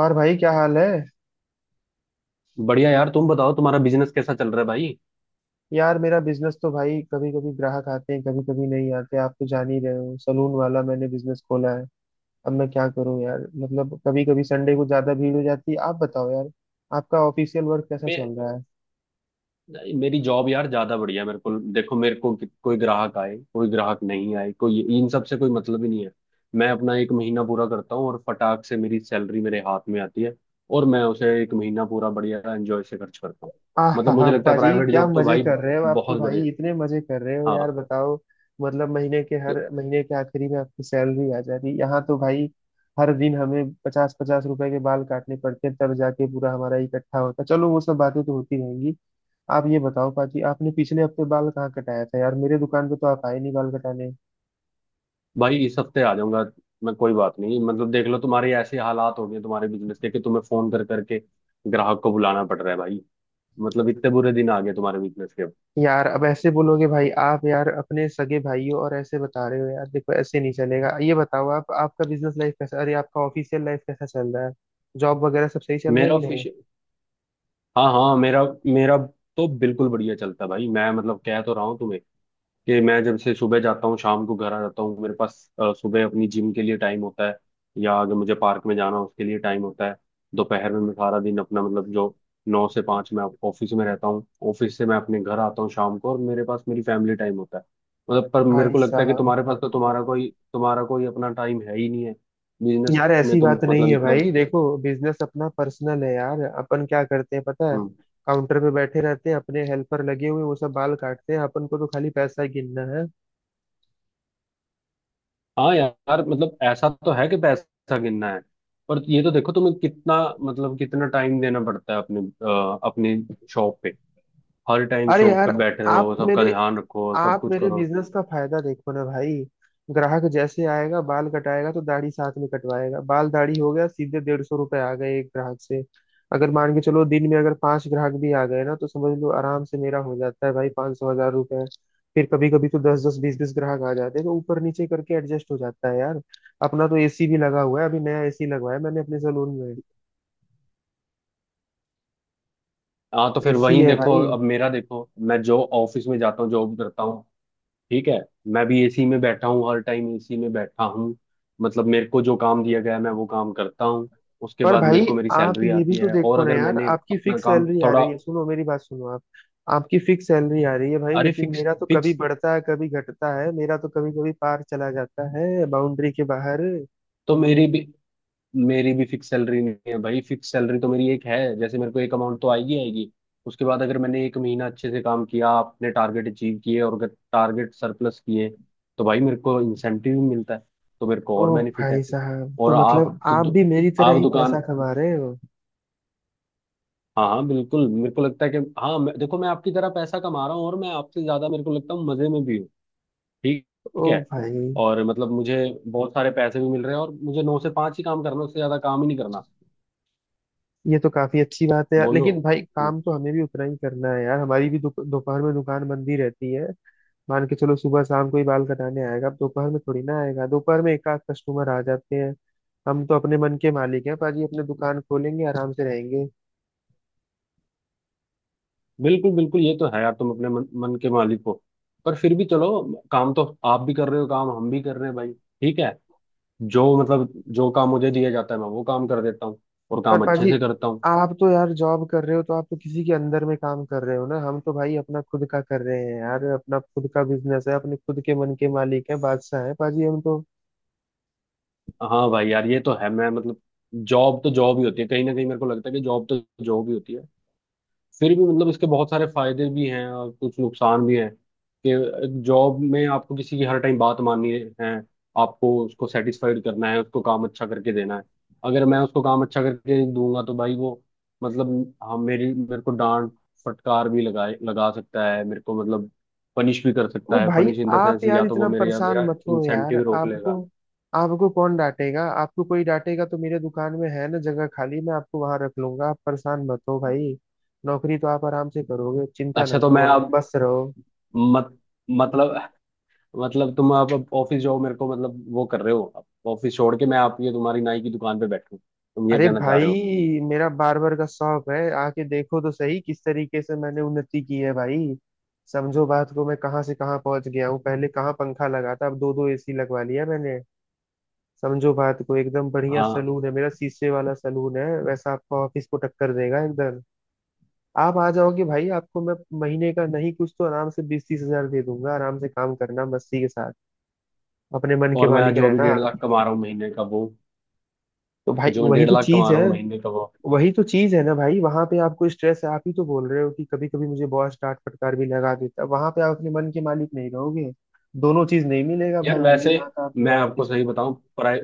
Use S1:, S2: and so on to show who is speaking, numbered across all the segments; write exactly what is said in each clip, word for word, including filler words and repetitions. S1: और भाई क्या हाल है।
S2: बढ़िया यार, तुम बताओ तुम्हारा बिजनेस कैसा चल रहा है भाई।
S1: यार मेरा बिजनेस तो भाई, कभी कभी ग्राहक आते हैं, कभी कभी नहीं आते। आप तो जान ही रहे हो, सलून वाला मैंने बिजनेस खोला है। अब मैं क्या करूं यार, मतलब कभी कभी संडे को ज्यादा भीड़ हो जाती है। आप बताओ यार, आपका ऑफिशियल वर्क कैसा
S2: मैं
S1: चल रहा है।
S2: मेरी जॉब यार ज्यादा बढ़िया है। मेरे को देखो, मेरे को कि- कोई ग्राहक आए, कोई ग्राहक नहीं आए, कोई इन सब से कोई मतलब ही नहीं है। मैं अपना एक महीना पूरा करता हूँ और फटाक से मेरी सैलरी मेरे हाथ में आती है। और मैं उसे एक महीना पूरा बढ़िया एंजॉय से खर्च करता हूँ।
S1: आह हा
S2: मतलब
S1: हा,
S2: मुझे लगता है
S1: पाजी
S2: प्राइवेट
S1: क्या
S2: जॉब तो
S1: मजे
S2: भाई
S1: कर रहे हो, आप तो
S2: बहुत
S1: भाई
S2: बढ़िया।
S1: इतने मजे कर रहे हो यार,
S2: हाँ।
S1: बताओ। मतलब महीने के,
S2: तो
S1: हर महीने के आखिरी में आपकी सैलरी आ जाती है, यहाँ तो भाई हर दिन हमें पचास पचास रुपए के बाल काटने पड़ते हैं, तब जाके पूरा हमारा इकट्ठा होता है। चलो वो सब बातें तो होती रहेंगी। आप ये बताओ पाजी, आपने पिछले हफ्ते बाल कहाँ कटाया था यार, मेरे दुकान पे तो आप आए नहीं बाल कटाने।
S2: भाई इस हफ्ते आ जाऊंगा। मैं, कोई बात नहीं, मतलब देख लो तुम्हारे ऐसे हालात हो गए तुम्हारे बिजनेस के कि तुम्हें फोन कर करके ग्राहक को बुलाना पड़ रहा है भाई। मतलब इतने बुरे दिन आ गए तुम्हारे बिजनेस के अब।
S1: यार अब ऐसे बोलोगे भाई आप, यार अपने सगे भाई हो और ऐसे बता रहे हो यार, देखो ऐसे नहीं चलेगा। ये बताओ आप, आपका बिजनेस लाइफ कैसा, अरे आपका ऑफिशियल लाइफ कैसा चल रहा है, जॉब वगैरह सब सही चल रहा है
S2: मेरा
S1: कि नहीं।
S2: फिश हाँ हाँ, मेरा मेरा तो बिल्कुल बढ़िया चलता है भाई। मैं मतलब कह तो रहा हूँ तुम्हें कि मैं जब से सुबह जाता हूँ शाम को घर आ जाता हूँ, मेरे पास अ, सुबह अपनी जिम के लिए टाइम होता है। या अगर मुझे पार्क में जाना हो, उसके लिए टाइम होता है। दोपहर में मैं सारा दिन अपना मतलब जो नौ से पाँच मैं ऑफिस में रहता हूँ, ऑफिस से मैं अपने घर आता हूँ शाम को, और मेरे पास मेरी फैमिली टाइम होता है। मतलब पर मेरे
S1: भाई
S2: को लगता है कि
S1: साहब,
S2: तुम्हारे पास तो तुम्हारा कोई तुम्हारा कोई अपना टाइम है ही नहीं है। बिजनेस
S1: यार
S2: में
S1: ऐसी बात
S2: तुम
S1: नहीं
S2: मतलब
S1: है
S2: इतना।
S1: भाई, देखो बिजनेस अपना पर्सनल है यार। अपन क्या करते हैं पता है,
S2: हम्म।
S1: काउंटर पे बैठे रहते हैं, अपने हेल्पर लगे हुए वो सब बाल काटते हैं, अपन को तो खाली पैसा गिनना है।
S2: हाँ यार, मतलब ऐसा तो है कि पैसा गिनना है। पर ये तो देखो तुम्हें कितना, मतलब कितना टाइम देना पड़ता है अपने अ, अपनी शॉप पे। हर टाइम
S1: अरे
S2: शॉप
S1: यार,
S2: पे बैठे रहो,
S1: आप
S2: सबका
S1: मेरे
S2: ध्यान रखो, सब
S1: आप
S2: कुछ
S1: मेरे
S2: करो।
S1: बिजनेस का फायदा देखो ना भाई। ग्राहक जैसे आएगा बाल कटाएगा तो दाढ़ी साथ में कटवाएगा, बाल दाढ़ी हो गया, सीधे डेढ़ सौ रुपए आ गए एक ग्राहक से। अगर मान के चलो दिन में अगर पांच ग्राहक भी आ गए ना, तो समझ लो आराम से मेरा हो जाता है भाई पाँच सौ हज़ार रुपए। फिर कभी कभी तो दस दस बीस बीस ग्राहक आ जाते हैं तो ऊपर नीचे करके एडजस्ट हो जाता है यार। अपना तो एसी भी लगा हुआ है, अभी नया एसी लगवाया मैंने अपने सैलून में।
S2: हाँ तो फिर
S1: एसी
S2: वहीं
S1: है
S2: देखो,
S1: भाई।
S2: अब मेरा देखो, मैं जो ऑफिस में जाता हूँ जॉब करता हूँ। ठीक है। मैं भी ए सी में बैठा हूँ, हर टाइम ए सी में बैठा हूँ। मतलब मेरे को जो काम दिया गया है मैं वो काम करता हूँ। उसके
S1: पर
S2: बाद मेरे
S1: भाई
S2: को मेरी
S1: आप
S2: सैलरी
S1: ये
S2: आती
S1: भी तो
S2: है। और
S1: देखो ना
S2: अगर
S1: यार,
S2: मैंने
S1: आपकी
S2: अपना
S1: फिक्स
S2: काम
S1: सैलरी आ
S2: थोड़ा,
S1: रही है। सुनो मेरी बात सुनो आप, आपकी फिक्स सैलरी आ रही है भाई,
S2: अरे,
S1: लेकिन
S2: फिक्स
S1: मेरा तो कभी
S2: फिक्स
S1: बढ़ता है कभी घटता है, मेरा तो कभी कभी पार चला जाता है बाउंड्री के बाहर।
S2: तो मेरी भी मेरी भी फिक्स सैलरी नहीं है भाई। फिक्स सैलरी तो मेरी एक है, जैसे मेरे को एक अमाउंट तो आएगी आएगी। उसके बाद अगर मैंने एक महीना अच्छे से काम किया, अपने टारगेट अचीव किए और अगर टारगेट सरप्लस किए, तो भाई मेरे को इंसेंटिव भी मिलता है। तो मेरे को
S1: ओ
S2: और बेनिफिट है।
S1: भाई साहब, तो
S2: और आप
S1: मतलब
S2: तो
S1: आप
S2: दु,
S1: भी मेरी तरह
S2: आप
S1: ही पैसा
S2: दुकान।
S1: कमा रहे हो।
S2: हाँ हाँ, बिल्कुल, मेरे को लगता है कि हाँ। मैं, देखो मैं आपकी तरह पैसा कमा रहा हूँ, और मैं आपसे ज्यादा मेरे को लगता हूँ मजे में भी हूँ। ठीक।
S1: ओ
S2: ठीक है।
S1: भाई,
S2: और मतलब मुझे बहुत सारे पैसे भी मिल रहे हैं, और मुझे नौ से पाँच ही काम करना, उससे ज्यादा काम ही नहीं करना।
S1: ये तो काफी अच्छी बात है यार,
S2: बोलो।
S1: लेकिन भाई काम तो हमें भी उतना ही करना है यार, हमारी भी दोप- दोपहर में दुकान बंद ही रहती है। मान के चलो सुबह शाम कोई बाल कटाने आएगा, अब दोपहर में थोड़ी ना आएगा, दोपहर में एक आध कस्टमर आ जाते हैं। हम तो अपने मन के मालिक हैं पाजी, अपने दुकान खोलेंगे आराम से रहेंगे।
S2: बिल्कुल बिल्कुल, ये तो है यार तुम अपने मन, मन के मालिक हो। पर फिर भी चलो, काम तो आप भी कर रहे हो, काम हम भी कर रहे हैं भाई, ठीक है। जो मतलब जो काम मुझे दिया जाता है मैं वो काम कर देता हूँ। और
S1: पर
S2: काम अच्छे
S1: पाजी,
S2: से करता हूँ।
S1: आप तो यार जॉब कर रहे हो, तो आप तो किसी के अंदर में काम कर रहे हो ना, हम तो भाई अपना खुद का कर रहे हैं यार, अपना खुद का बिजनेस है, अपने खुद के मन के मालिक हैं, बादशाह हैं पाजी हम तो।
S2: हाँ भाई यार, ये तो है। मैं मतलब जॉब तो जॉब ही होती है कहीं ना कहीं, मेरे को लगता है कि जॉब तो जॉब ही होती है। फिर भी मतलब इसके बहुत सारे फायदे भी हैं और कुछ नुकसान भी हैं। कि जॉब में आपको किसी की हर टाइम बात माननी है। आपको उसको सेटिस्फाइड करना है, उसको काम अच्छा करके देना है। अगर मैं उसको काम अच्छा करके दूंगा तो भाई वो, मतलब, हाँ, मेरी मेरे को डांट फटकार भी लगाए लगा सकता है। मेरे को मतलब पनिश भी कर
S1: वो
S2: सकता है।
S1: भाई,
S2: पनिश इन द
S1: आप
S2: सेंस,
S1: यार
S2: या तो वो
S1: इतना
S2: मेरे या
S1: परेशान
S2: मेरा
S1: मत हो यार,
S2: इंसेंटिव रोक
S1: आपको
S2: लेगा।
S1: आपको कौन डांटेगा, आपको कोई डांटेगा तो मेरे दुकान में है ना जगह खाली, मैं आपको वहां रख लूंगा, आप परेशान मत हो भाई, नौकरी तो आप आराम से करोगे, चिंता ना
S2: अच्छा तो
S1: करो
S2: मैं
S1: आप,
S2: अब,
S1: बस रहो।
S2: मत मतलब मतलब तुम आप अब ऑफिस जॉब मेरे को मतलब वो कर रहे हो, आप ऑफिस छोड़ के मैं आप ये तुम्हारी नाई की दुकान पे बैठूं, तुम ये
S1: अरे
S2: कहना चाह
S1: भाई,
S2: रहे हो।
S1: मेरा बार्बर का शौक है, आके देखो तो सही किस तरीके से मैंने उन्नति की है भाई। समझो बात को, मैं कहाँ से कहाँ पहुंच गया हूँ, पहले कहाँ पंखा लगा था, अब दो दो एसी लगवा लिया मैंने। समझो बात को, एकदम बढ़िया
S2: हाँ।
S1: सलून है मेरा, शीशे वाला सलून है, वैसा आपका ऑफिस को टक्कर देगा एकदम। आप आ जाओगे भाई, आपको मैं महीने का नहीं कुछ तो आराम से बीस तीस हज़ार दे दूंगा, आराम से काम करना मस्ती के साथ, अपने मन के
S2: और मैं
S1: मालिक
S2: जो अभी
S1: रहना।
S2: डेढ़ लाख कमा रहा हूँ महीने का वो,
S1: तो भाई
S2: जो मैं
S1: वही
S2: डेढ़
S1: तो
S2: लाख
S1: चीज
S2: कमा
S1: है,
S2: रहा हूँ महीने का वो।
S1: वही तो चीज है ना भाई, वहां पे आपको स्ट्रेस है, आप ही तो बोल रहे हो कि कभी कभी मुझे बॉस डांट फटकार भी लगा देता, वहां पे आप अपने मन के मालिक नहीं रहोगे। दोनों चीज नहीं मिलेगा
S2: यार
S1: भाई, ये
S2: वैसे
S1: बात आप
S2: मैं
S1: मान के
S2: आपको सही
S1: चलो।
S2: बताऊं, प्राइ,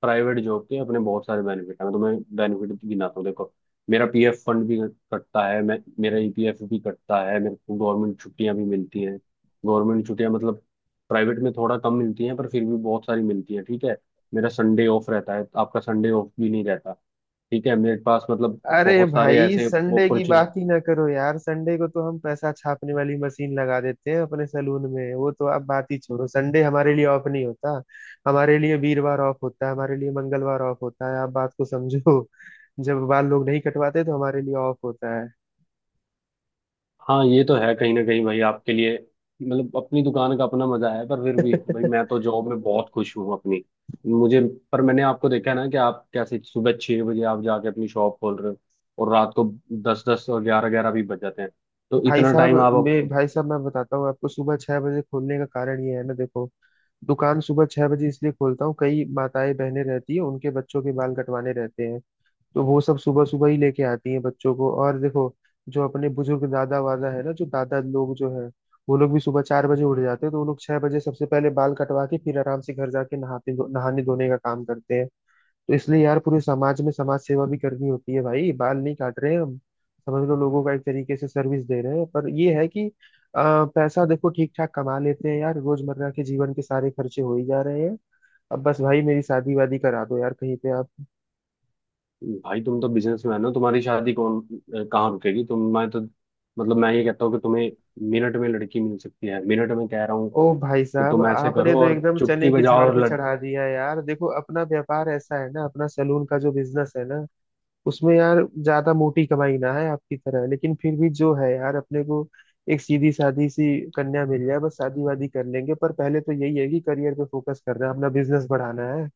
S2: प्राइवेट जॉब के अपने बहुत सारे बेनिफिट हैं, तो मैं तुम्हें बेनिफिट गिनाता हूं, देखो। मेरा पी एफ फंड भी कटता है। मैं मेरा ई पी एफ भी कटता है। मेरे को गवर्नमेंट छुट्टियां भी मिलती हैं। गवर्नमेंट छुट्टियां मतलब प्राइवेट में थोड़ा कम मिलती हैं, पर फिर भी बहुत सारी मिलती हैं, ठीक है। मेरा संडे ऑफ रहता है, आपका संडे ऑफ भी नहीं रहता। ठीक है, मेरे पास मतलब
S1: अरे
S2: बहुत सारे
S1: भाई
S2: ऐसे।
S1: संडे की बात ही ना करो यार, संडे को तो हम पैसा छापने वाली मशीन लगा देते हैं अपने सलून में, वो तो आप बात ही छोड़ो, संडे हमारे लिए ऑफ नहीं होता। हमारे लिए वीरवार ऑफ होता है, हमारे लिए मंगलवार ऑफ होता है, आप बात को समझो, जब बाल लोग नहीं कटवाते तो हमारे लिए ऑफ होता है।
S2: हाँ ये तो है कहीं ना कहीं भाई आपके लिए, मतलब अपनी दुकान का अपना मजा है, पर फिर भी भाई मैं तो जॉब में बहुत खुश हूँ अपनी। मुझे, पर मैंने आपको देखा है ना कि आप कैसे सुबह छह बजे आप जाके अपनी शॉप खोल रहे हो, और रात को दस दस और ग्यारह ग्यारह भी बज जाते हैं। तो
S1: भाई
S2: इतना
S1: साहब,
S2: टाइम आप
S1: मैं
S2: आप-।
S1: भाई साहब मैं बताता हूँ आपको, सुबह छह बजे खोलने का कारण ये है ना, देखो दुकान सुबह छह बजे इसलिए खोलता हूँ, कई माताएं बहनें रहती है उनके बच्चों के बाल कटवाने रहते हैं, तो वो सब सुबह सुबह ही लेके आती हैं बच्चों को। और देखो, जो अपने बुजुर्ग दादा वादा है ना, जो दादा लोग जो है, वो लोग भी सुबह चार बजे उठ जाते हैं, तो वो लोग छह बजे सबसे पहले बाल कटवा के फिर आराम से घर जाके नहाते, नहाने धोने का काम करते हैं। तो इसलिए यार पूरे समाज में समाज सेवा भी करनी होती है भाई, बाल नहीं काट रहे हैं हम, समझ लो लोगों का एक तरीके से सर्विस दे रहे हैं। पर ये है कि अ, पैसा देखो ठीक ठाक कमा लेते हैं यार, रोजमर्रा के जीवन के सारे खर्चे हो ही जा रहे हैं। अब बस भाई मेरी शादी वादी करा दो यार कहीं पे आप।
S2: भाई तुम तो बिजनेसमैन हो, तुम्हारी शादी कौन अ, कहाँ रुकेगी। तुम, मैं तो मतलब मैं ये कहता हूँ कि तुम्हें मिनट में लड़की मिल सकती है, मिनट में कह रहा हूँ
S1: ओ भाई
S2: कि
S1: साहब,
S2: तुम ऐसे
S1: आपने
S2: करो
S1: तो
S2: और
S1: एकदम
S2: चुटकी
S1: चने की
S2: बजाओ
S1: झाड़
S2: और,
S1: पे चढ़ा दिया यार। देखो अपना व्यापार ऐसा है ना, अपना सैलून का जो बिजनेस है ना, उसमें यार ज्यादा मोटी कमाई ना है आपकी तरह, लेकिन फिर भी जो है यार, अपने को एक सीधी सादी सी कन्या मिल जाए बस, शादी वादी कर लेंगे। पर पहले तो यही है कि करियर पे फोकस करना है, अपना बिजनेस बढ़ाना है।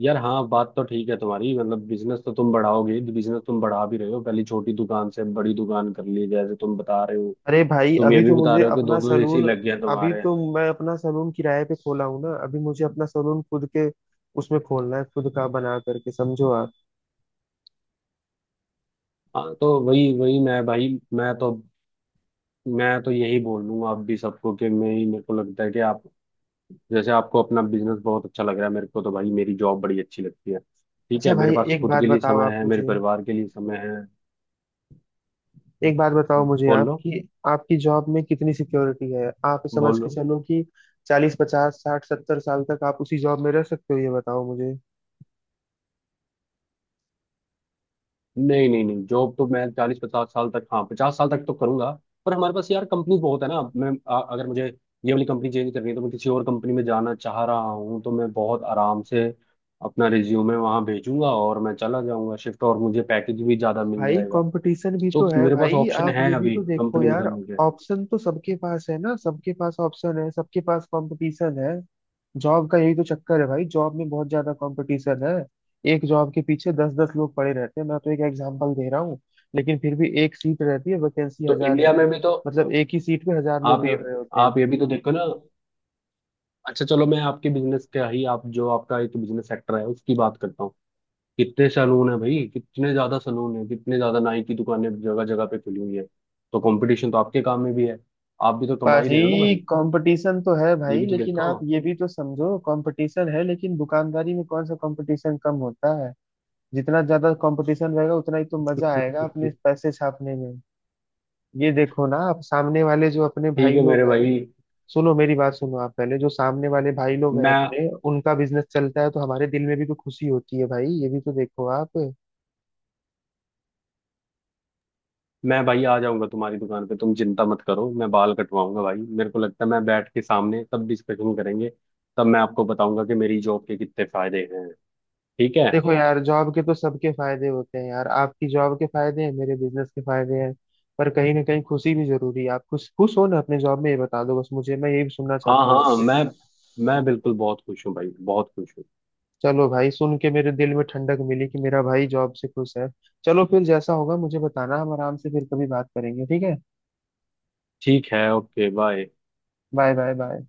S2: यार हाँ बात तो ठीक है तुम्हारी। मतलब बिजनेस तो तुम बढ़ाओगे, बिजनेस तुम बढ़ा भी रहे हो, पहले छोटी दुकान से बड़ी दुकान कर ली जैसे तुम बता रहे हो।
S1: अरे भाई,
S2: तुम ये
S1: अभी
S2: भी
S1: तो
S2: बता
S1: मुझे
S2: रहे हो कि
S1: अपना
S2: दो दो ए सी
S1: सलून,
S2: लग गया
S1: अभी
S2: तुम्हारे।
S1: तो मैं अपना सलून किराए पे खोला हूँ ना, अभी मुझे अपना सलून खुद के उसमें खोलना है, खुद का बना करके समझो आप।
S2: हाँ तो वही वही मैं भाई, मैं तो, मैं तो यही बोल लूंगा आप भी सबको कि मैं ही मेरे को लगता है कि आप, जैसे आपको अपना बिजनेस बहुत अच्छा लग रहा है, मेरे को तो भाई मेरी जॉब बड़ी अच्छी लगती है, ठीक है।
S1: अच्छा
S2: मेरे
S1: भाई
S2: पास
S1: एक
S2: खुद
S1: बात
S2: के लिए
S1: बताओ
S2: समय
S1: आप
S2: है, मेरे
S1: मुझे
S2: परिवार के लिए समय है।
S1: एक बात बताओ मुझे आप
S2: बोलो।
S1: कि आपकी जॉब में कितनी सिक्योरिटी है। आप समझ के
S2: बोलो।
S1: चलो कि चालीस पचास साठ सत्तर साल तक आप उसी जॉब में रह सकते हो, ये बताओ मुझे।
S2: नहीं नहीं नहीं, जॉब तो मैं चालीस पचास साल तक, हाँ, पचास साल तक तो करूंगा। पर हमारे पास यार कंपनी बहुत है ना, मैं अ- अगर मुझे ये वाली कंपनी चेंज करनी है तो मैं किसी और कंपनी में जाना चाह रहा हूँ, तो मैं बहुत आराम से अपना रिज्यूमे वहां भेजूंगा और मैं चला जाऊंगा शिफ्ट, और मुझे पैकेज भी ज्यादा मिल
S1: भाई
S2: जाएगा।
S1: कंपटीशन भी तो
S2: तो
S1: है
S2: मेरे पास
S1: भाई,
S2: ऑप्शन
S1: आप
S2: है
S1: ये भी
S2: अभी
S1: तो देखो
S2: कंपनी
S1: यार।
S2: बदलने के।
S1: ऑप्शन तो सबके पास है ना, सबके पास ऑप्शन है, सबके पास कंपटीशन है। जॉब का यही तो चक्कर है भाई, जॉब में बहुत ज्यादा कंपटीशन है, एक जॉब के पीछे दस दस लोग पड़े रहते हैं, मैं तो एक एग्जांपल दे रहा हूँ। लेकिन फिर भी एक सीट रहती है, वैकेंसी
S2: तो
S1: हज़ार
S2: इंडिया
S1: रह-
S2: में भी तो
S1: मतलब एक ही सीट पे हजार
S2: आप
S1: लोग
S2: ये
S1: लड़ रहे होते हैं।
S2: आप ये भी तो देखो ना। अच्छा चलो, मैं आपके बिजनेस का ही, आप जो आपका एक बिजनेस सेक्टर है उसकी बात करता हूँ। कितने सैलून है भाई, कितने ज्यादा सैलून है, कितने ज्यादा नाई की दुकानें जगह जगह पे खुली हुई है। तो कंपटीशन तो आपके काम में भी है। आप भी तो कमा ही रहे हो ना
S1: भाई
S2: भाई।
S1: कंपटीशन तो है
S2: ये
S1: भाई,
S2: भी तो
S1: लेकिन
S2: देखो।
S1: आप ये भी तो समझो, कंपटीशन है लेकिन दुकानदारी में कौन सा कंपटीशन कम होता है। जितना ज्यादा कंपटीशन रहेगा उतना ही तो मजा आएगा अपने पैसे छापने में। ये देखो ना आप, सामने वाले जो अपने
S2: ठीक
S1: भाई
S2: है मेरे
S1: लोग हैं,
S2: भाई।
S1: सुनो मेरी बात सुनो आप, पहले जो सामने वाले भाई लोग हैं
S2: मैं
S1: अपने, उनका बिजनेस चलता है तो हमारे दिल में भी तो खुशी होती है भाई, ये भी तो देखो आप।
S2: मैं भाई आ जाऊंगा तुम्हारी दुकान पे, तुम चिंता मत करो, मैं बाल कटवाऊंगा भाई, मेरे को लगता है मैं बैठ के सामने तब डिस्कशन करेंगे। तब मैं आपको बताऊंगा कि मेरी जॉब के कितने फायदे हैं, ठीक है।
S1: देखो यार जॉब के तो सबके फायदे होते हैं यार, आपकी जॉब के फायदे हैं, मेरे बिजनेस के फायदे हैं। पर कहीं ना कहीं खुशी भी जरूरी है, आप खुश खुश हो ना अपने जॉब में, ये बता दो बस मुझे, मैं यही सुनना
S2: हाँ
S1: चाहता हूँ
S2: हाँ,
S1: आपसे।
S2: मैं मैं बिल्कुल बहुत खुश हूँ भाई, बहुत खुश हूँ।
S1: चलो भाई, सुन के मेरे दिल में ठंडक मिली कि मेरा भाई जॉब से खुश है। चलो फिर जैसा होगा मुझे बताना, हम आराम से फिर कभी बात करेंगे ठीक है।
S2: ठीक है, okay, bye.
S1: Bye bye bye.